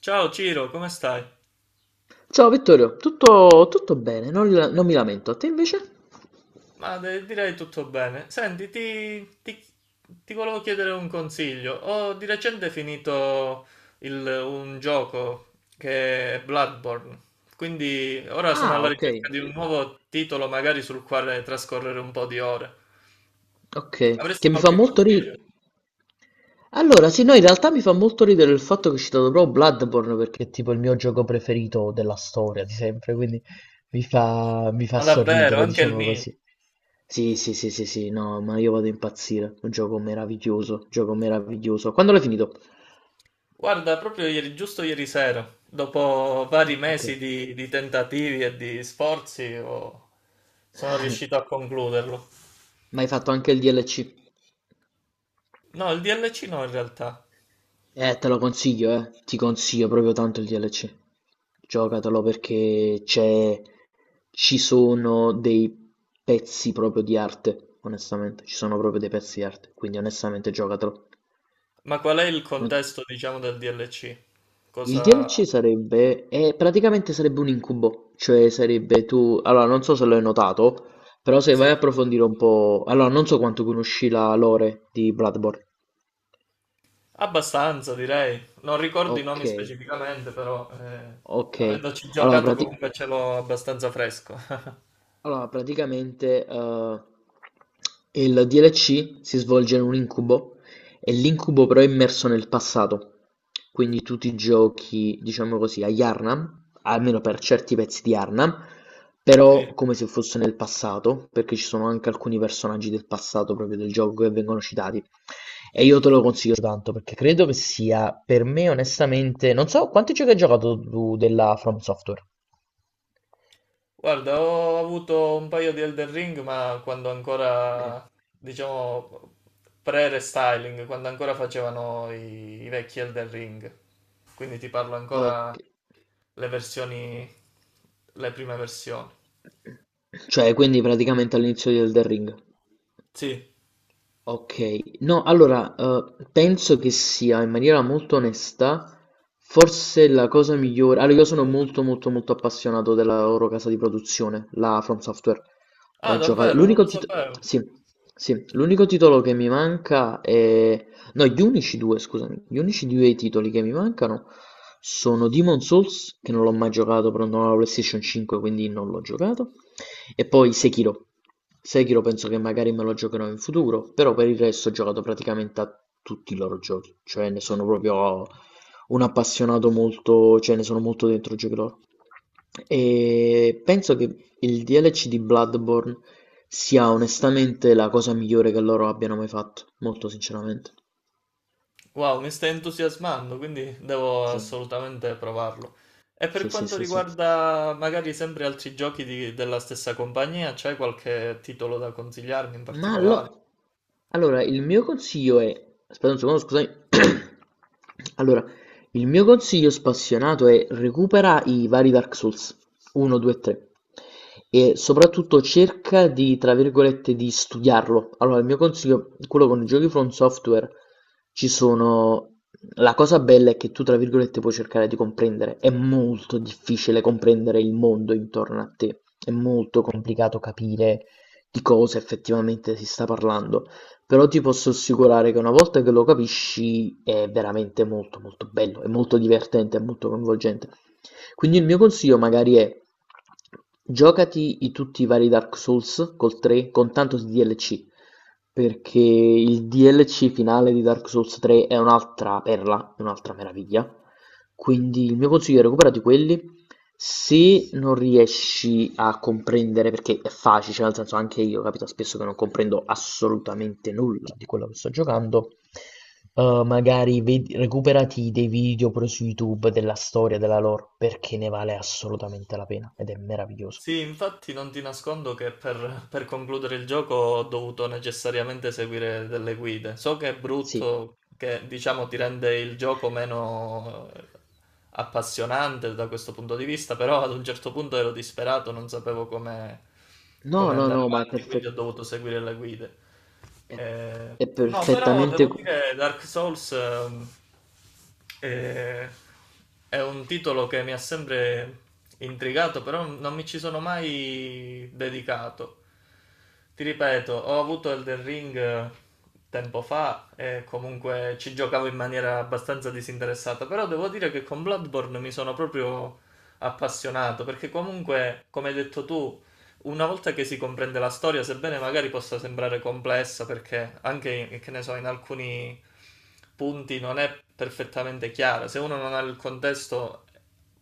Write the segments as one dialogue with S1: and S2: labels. S1: Ciao Ciro, come stai?
S2: Ciao Vittorio, tutto bene, non mi lamento. Te invece?
S1: Direi tutto bene. Senti, ti volevo chiedere un consiglio. Ho di recente finito un gioco che è Bloodborne, quindi ora sono
S2: Ah,
S1: alla
S2: ok,
S1: ricerca di un nuovo titolo magari sul quale trascorrere un po' di ore.
S2: ok, che
S1: Avresti
S2: mi fa
S1: qualche
S2: molto
S1: consiglio?
S2: ridere. Allora, sì, no, in realtà mi fa molto ridere il fatto che è citato proprio Bloodborne perché è tipo il mio gioco preferito della storia di sempre, quindi mi fa
S1: Ma davvero,
S2: sorridere,
S1: anche il
S2: diciamo
S1: mio.
S2: così. Sì, sì, sì, sì, sì, no, ma io vado a impazzire. Un gioco meraviglioso, gioco meraviglioso. Quando l'hai finito?
S1: Guarda, proprio ieri, giusto ieri sera, dopo
S2: Ah,
S1: vari
S2: ok.
S1: mesi di tentativi e di sforzi, sono riuscito a concluderlo.
S2: Ma hai fatto anche il DLC?
S1: No, il DLC no in realtà.
S2: Te lo consiglio, eh. Ti consiglio proprio tanto il DLC. Giocatelo perché ci sono dei pezzi proprio di arte, onestamente. Ci sono proprio dei pezzi di arte, quindi onestamente giocatelo.
S1: Ma qual è il
S2: Non-
S1: contesto, diciamo, del DLC?
S2: Il
S1: Cosa...
S2: DLC sarebbe... praticamente sarebbe un incubo, cioè sarebbe tu... Allora, non so se l'hai notato, però se
S1: Sì,
S2: vai a approfondire un po'... Allora, non so quanto conosci la lore di Bloodborne.
S1: abbastanza direi. Non ricordo i
S2: Ok,
S1: nomi specificamente, però
S2: ok.
S1: avendoci
S2: Allora,
S1: giocato
S2: prati-
S1: comunque ce l'ho abbastanza fresco.
S2: Allora, praticamente il DLC si svolge in un incubo e l'incubo però è immerso nel passato. Quindi tu ti giochi, diciamo così, a Yharnam, almeno per certi pezzi di Yharnam,
S1: Sì.
S2: però come se fosse nel passato, perché ci sono anche alcuni personaggi del passato proprio del gioco che vengono citati. E io te lo consiglio tanto perché credo che sia per me onestamente, non so quanti giochi hai giocato tu della From Software.
S1: Guarda, ho avuto un paio di Elden Ring, ma quando
S2: Ok,
S1: ancora, diciamo, pre-restyling, quando ancora facevano i vecchi Elden Ring. Quindi ti parlo ancora
S2: ok.
S1: le versioni, le prime versioni.
S2: Cioè, quindi praticamente all'inizio di Elden Ring.
S1: Sì.
S2: Ok, no, allora penso che sia in maniera molto onesta, forse la cosa migliore. Allora, io sono molto, molto, molto appassionato della loro casa di produzione, la From Software.
S1: Ah,
S2: Ho giocato.
S1: davvero? Non
S2: L'unico
S1: lo
S2: titolo.
S1: sapevo.
S2: Sì, sì, l'unico titolo che mi manca è. No, gli unici due, scusami. Gli unici due titoli che mi mancano sono Demon Souls, che non l'ho mai giocato, però non ho la PlayStation 5, quindi non l'ho giocato. E poi Sekiro. Sekiro penso che magari me lo giocherò in futuro, però per il resto ho giocato praticamente a tutti i loro giochi, cioè ne sono proprio un appassionato molto, cioè ne sono molto dentro i giochi loro. E penso che il DLC di Bloodborne sia onestamente la cosa migliore che loro abbiano mai fatto, molto sinceramente.
S1: Wow, mi stai entusiasmando, quindi devo
S2: Sì,
S1: assolutamente provarlo. E per
S2: sì, sì,
S1: quanto
S2: sì, sì.
S1: riguarda magari sempre altri giochi della stessa compagnia, c'è qualche titolo da consigliarmi in
S2: Ma
S1: particolare?
S2: allo- allora, il mio consiglio è... Aspetta un secondo, scusami. Allora, il mio consiglio spassionato è recupera i vari Dark Souls 1, 2 e 3 e soprattutto cerca di, tra virgolette, di studiarlo. Allora, il mio consiglio, quello con i giochi From Software, ci sono... La cosa bella è che tu, tra virgolette, puoi cercare di comprendere. È molto difficile comprendere il mondo intorno a te. È molto complicato capire di cosa effettivamente si sta parlando, però ti posso assicurare che una volta che lo capisci è veramente molto molto bello, è molto divertente, è molto coinvolgente. Quindi il mio consiglio magari è giocati tutti i vari Dark Souls col 3 con tanto di DLC, perché il DLC finale di Dark Souls 3 è un'altra perla, è un'altra meraviglia. Quindi il mio consiglio è recuperati quelli. Se non riesci a comprendere, perché è facile, cioè nel senso anche io capita spesso che non comprendo assolutamente nulla di quello che sto giocando, magari recuperati dei video pure su YouTube della storia, della lore, perché ne vale assolutamente la pena ed è meraviglioso.
S1: Sì, infatti non ti nascondo che per concludere il gioco ho dovuto necessariamente seguire delle guide. So che è
S2: Sì.
S1: brutto, che diciamo ti rende il gioco meno appassionante da questo punto di vista, però ad un certo punto ero disperato, non sapevo come,
S2: No,
S1: come
S2: no,
S1: andare
S2: no, ma è
S1: avanti, quindi ho
S2: perfetto.
S1: dovuto seguire le guide.
S2: È,
S1: Eh,
S2: è
S1: No, però
S2: perfettamente.
S1: devo dire Dark Souls è, è un titolo che mi ha sempre intrigato, però non mi ci sono mai dedicato ti ripeto, ho avuto Elden Ring tempo fa e comunque ci giocavo in maniera abbastanza disinteressata, però devo dire che con Bloodborne mi sono proprio appassionato, perché comunque, come hai detto tu, una volta che si comprende la storia, sebbene magari possa sembrare complessa, perché anche, che ne so, in alcuni punti non è perfettamente chiara, se uno non ha il contesto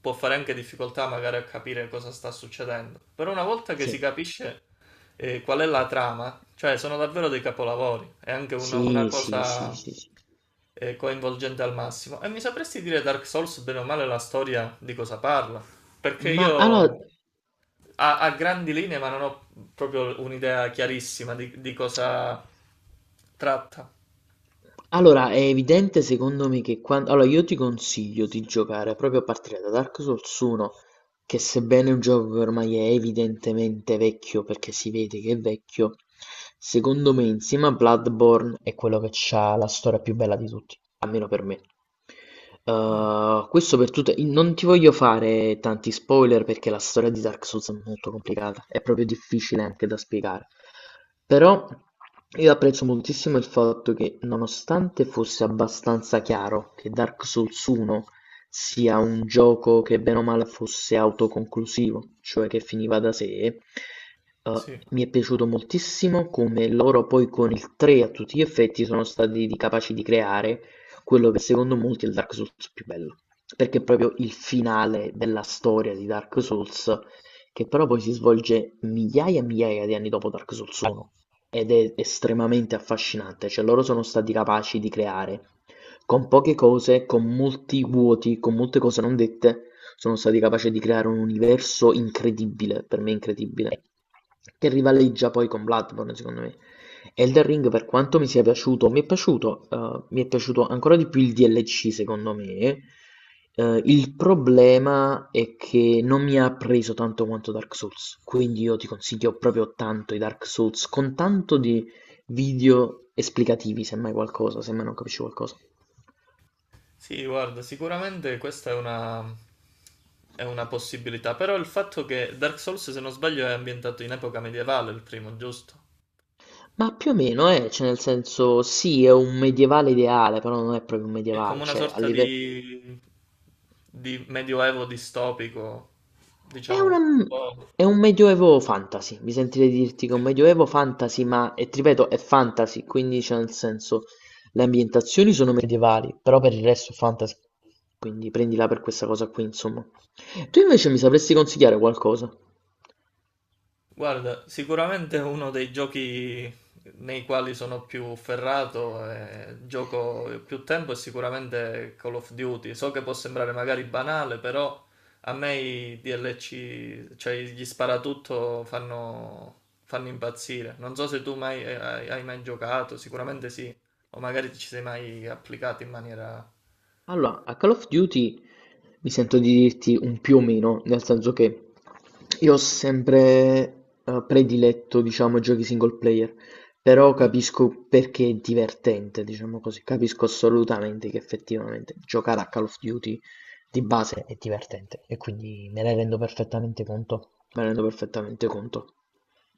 S1: può fare anche difficoltà magari a capire cosa sta succedendo, però una volta che
S2: Sì.
S1: si capisce e qual è la trama? Cioè, sono davvero dei capolavori. È anche una
S2: Sì,
S1: sì,
S2: sì, sì,
S1: cosa
S2: sì, sì.
S1: coinvolgente al massimo. E mi sapresti dire Dark Souls, bene o male, la storia di cosa parla? Perché
S2: Ma
S1: io
S2: allora,
S1: a grandi linee, ma non ho proprio un'idea chiarissima di cosa tratta.
S2: allora, è evidente secondo me che quando... Allora, io ti consiglio di giocare proprio a partire da Dark Souls 1, che sebbene un gioco che ormai è evidentemente vecchio, perché si vede che è vecchio, secondo me insieme a Bloodborne è quello che ha la storia più bella di tutti, almeno per me. Questo per tutte i non ti voglio fare tanti spoiler perché la storia di Dark Souls è molto complicata, è proprio difficile anche da spiegare. Però io apprezzo moltissimo il fatto che nonostante fosse abbastanza chiaro che Dark Souls 1 sia un gioco che bene o male fosse autoconclusivo, cioè che finiva da sé,
S1: Sì.
S2: mi è piaciuto moltissimo come loro poi con il 3 a tutti gli effetti sono stati capaci di creare quello che secondo molti è il Dark Souls più bello, perché è proprio il finale della storia di Dark Souls, che però poi si svolge migliaia e migliaia di anni dopo Dark Souls 1 ed è estremamente affascinante, cioè loro sono stati capaci di creare con poche cose, con molti vuoti, con molte cose non dette, sono stati capaci di creare un universo incredibile, per me incredibile, che rivaleggia poi con Bloodborne, secondo me. Elden Ring, per quanto mi sia piaciuto, mi è piaciuto ancora di più il DLC secondo me. Il problema è che non mi ha preso tanto quanto Dark Souls, quindi io ti consiglio proprio tanto i Dark Souls, con tanto di video esplicativi, semmai qualcosa, semmai non capisci qualcosa.
S1: Sì, guarda, sicuramente questa è una possibilità. Però il fatto che Dark Souls, se non sbaglio, è ambientato in epoca medievale, il primo, giusto?
S2: Ma più o meno, cioè nel senso, sì, è un medievale ideale, però non è proprio un
S1: È come
S2: medievale,
S1: una
S2: cioè a
S1: sorta
S2: livello...
S1: di medioevo distopico,
S2: È
S1: diciamo, un
S2: una
S1: po',
S2: è un medioevo fantasy, mi sentirei di dirti che è
S1: sì.
S2: un medioevo fantasy, ma, e ti ripeto, è fantasy, quindi c'è nel senso le ambientazioni sono medievali, però per il resto è fantasy. Quindi prendila per questa cosa qui, insomma. Tu invece mi sapresti consigliare qualcosa?
S1: Guarda, sicuramente uno dei giochi nei quali sono più ferrato e gioco più tempo è sicuramente Call of Duty. So che può sembrare magari banale, però a me i DLC, cioè gli sparatutto fanno, fanno impazzire. Non so se tu mai, hai mai giocato, sicuramente sì, o magari ci sei mai applicato in maniera...
S2: Allora, a Call of Duty mi sento di dirti un più o meno, nel senso che io ho sempre prediletto, diciamo, giochi single player, però
S1: Mm.
S2: capisco perché è divertente, diciamo così, capisco assolutamente che effettivamente giocare a Call of Duty di base è divertente e quindi me ne rendo perfettamente conto, me ne rendo perfettamente conto.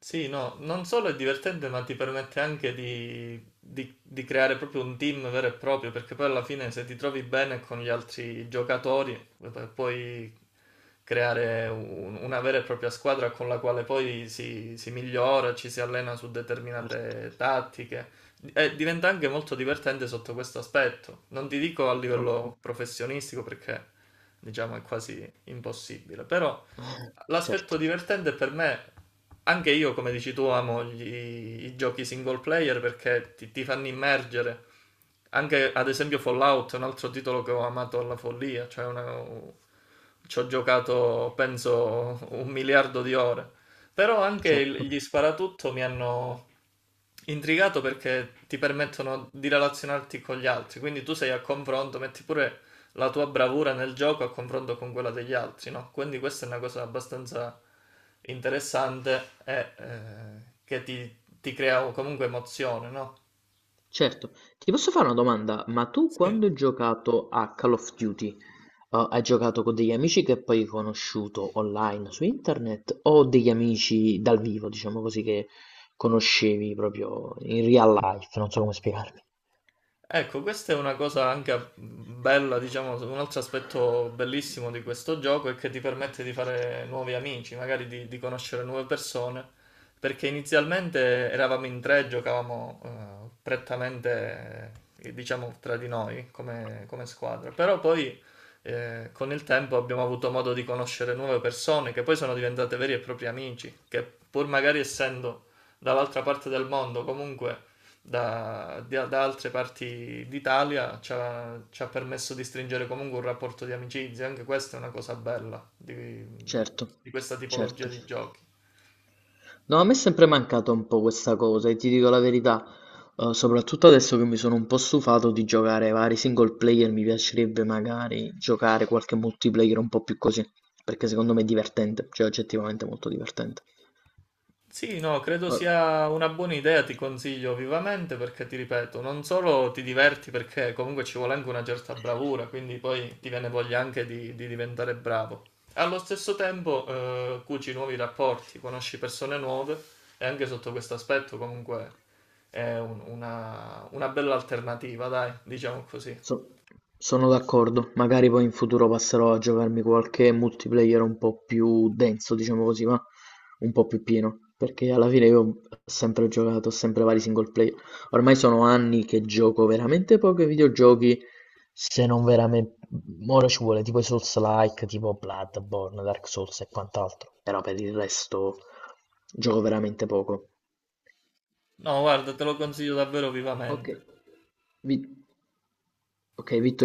S1: Sì, no, non solo è divertente, ma ti permette anche di creare proprio un team vero e proprio, perché poi alla fine se ti trovi bene con gli altri giocatori, puoi creare una vera e propria squadra con la quale poi si migliora, ci si allena su
S2: Certo,
S1: determinate tattiche. E diventa anche molto divertente sotto questo aspetto. Non ti dico a
S2: ok,
S1: livello professionistico perché diciamo è quasi impossibile, però l'aspetto
S2: certo,
S1: divertente per me, anche io come dici tu amo i giochi single player perché ti fanno immergere. Anche ad esempio Fallout è un altro titolo che ho amato alla follia, cioè ci ho giocato penso un miliardo di ore. Però anche
S2: certo.
S1: gli sparatutto mi hanno intrigato perché ti permettono di relazionarti con gli altri, quindi tu sei a confronto, metti pure la tua bravura nel gioco a confronto con quella degli altri, no? Quindi questa è una cosa abbastanza interessante e che ti crea comunque emozione, no?
S2: Certo, ti posso fare una domanda? Ma tu
S1: Sì,
S2: quando hai giocato a Call of Duty, hai giocato con degli amici che poi hai conosciuto online su internet o degli amici dal vivo, diciamo così, che conoscevi proprio in real life? Non so come spiegarmi.
S1: ecco, questa è una cosa anche bella, diciamo, un altro aspetto bellissimo di questo gioco è che ti permette di fare nuovi amici, magari di conoscere nuove persone, perché inizialmente eravamo in tre, giocavamo prettamente, diciamo, tra di noi come, come squadra, però poi con il tempo abbiamo avuto modo di conoscere nuove persone che poi sono diventate veri e propri amici, che pur magari essendo dall'altra parte del mondo comunque da altre parti d'Italia ci ha permesso di stringere comunque un rapporto di amicizia, anche questa è una cosa bella
S2: Certo,
S1: di questa tipologia
S2: certo.
S1: di giochi.
S2: No, a me è sempre mancata un po' questa cosa e ti dico la verità, soprattutto adesso che mi sono un po' stufato di giocare vari single player, mi piacerebbe magari giocare qualche multiplayer un po' più così, perché secondo me è divertente, cioè oggettivamente molto divertente.
S1: Sì, no, credo
S2: Ora-
S1: sia una buona idea, ti consiglio vivamente perché ti ripeto, non solo ti diverti perché comunque ci vuole anche una certa bravura, quindi poi ti viene voglia anche di diventare bravo. Allo stesso tempo, cuci nuovi rapporti, conosci persone nuove e anche sotto questo aspetto comunque è una bella alternativa, dai, diciamo così.
S2: So- Sono d'accordo, magari poi in futuro passerò a giocarmi qualche multiplayer un po' più denso, diciamo così, ma un po' più pieno, perché alla fine io ho sempre giocato, sempre vari single player. Ormai sono anni che gioco veramente pochi videogiochi, se non veramente... Ora ci vuole tipo i Souls-like, tipo Bloodborne, Dark Souls e quant'altro, però per il resto gioco veramente poco.
S1: No, guarda, te lo consiglio davvero
S2: Ok,
S1: vivamente.
S2: Vi- ok, Vittorio.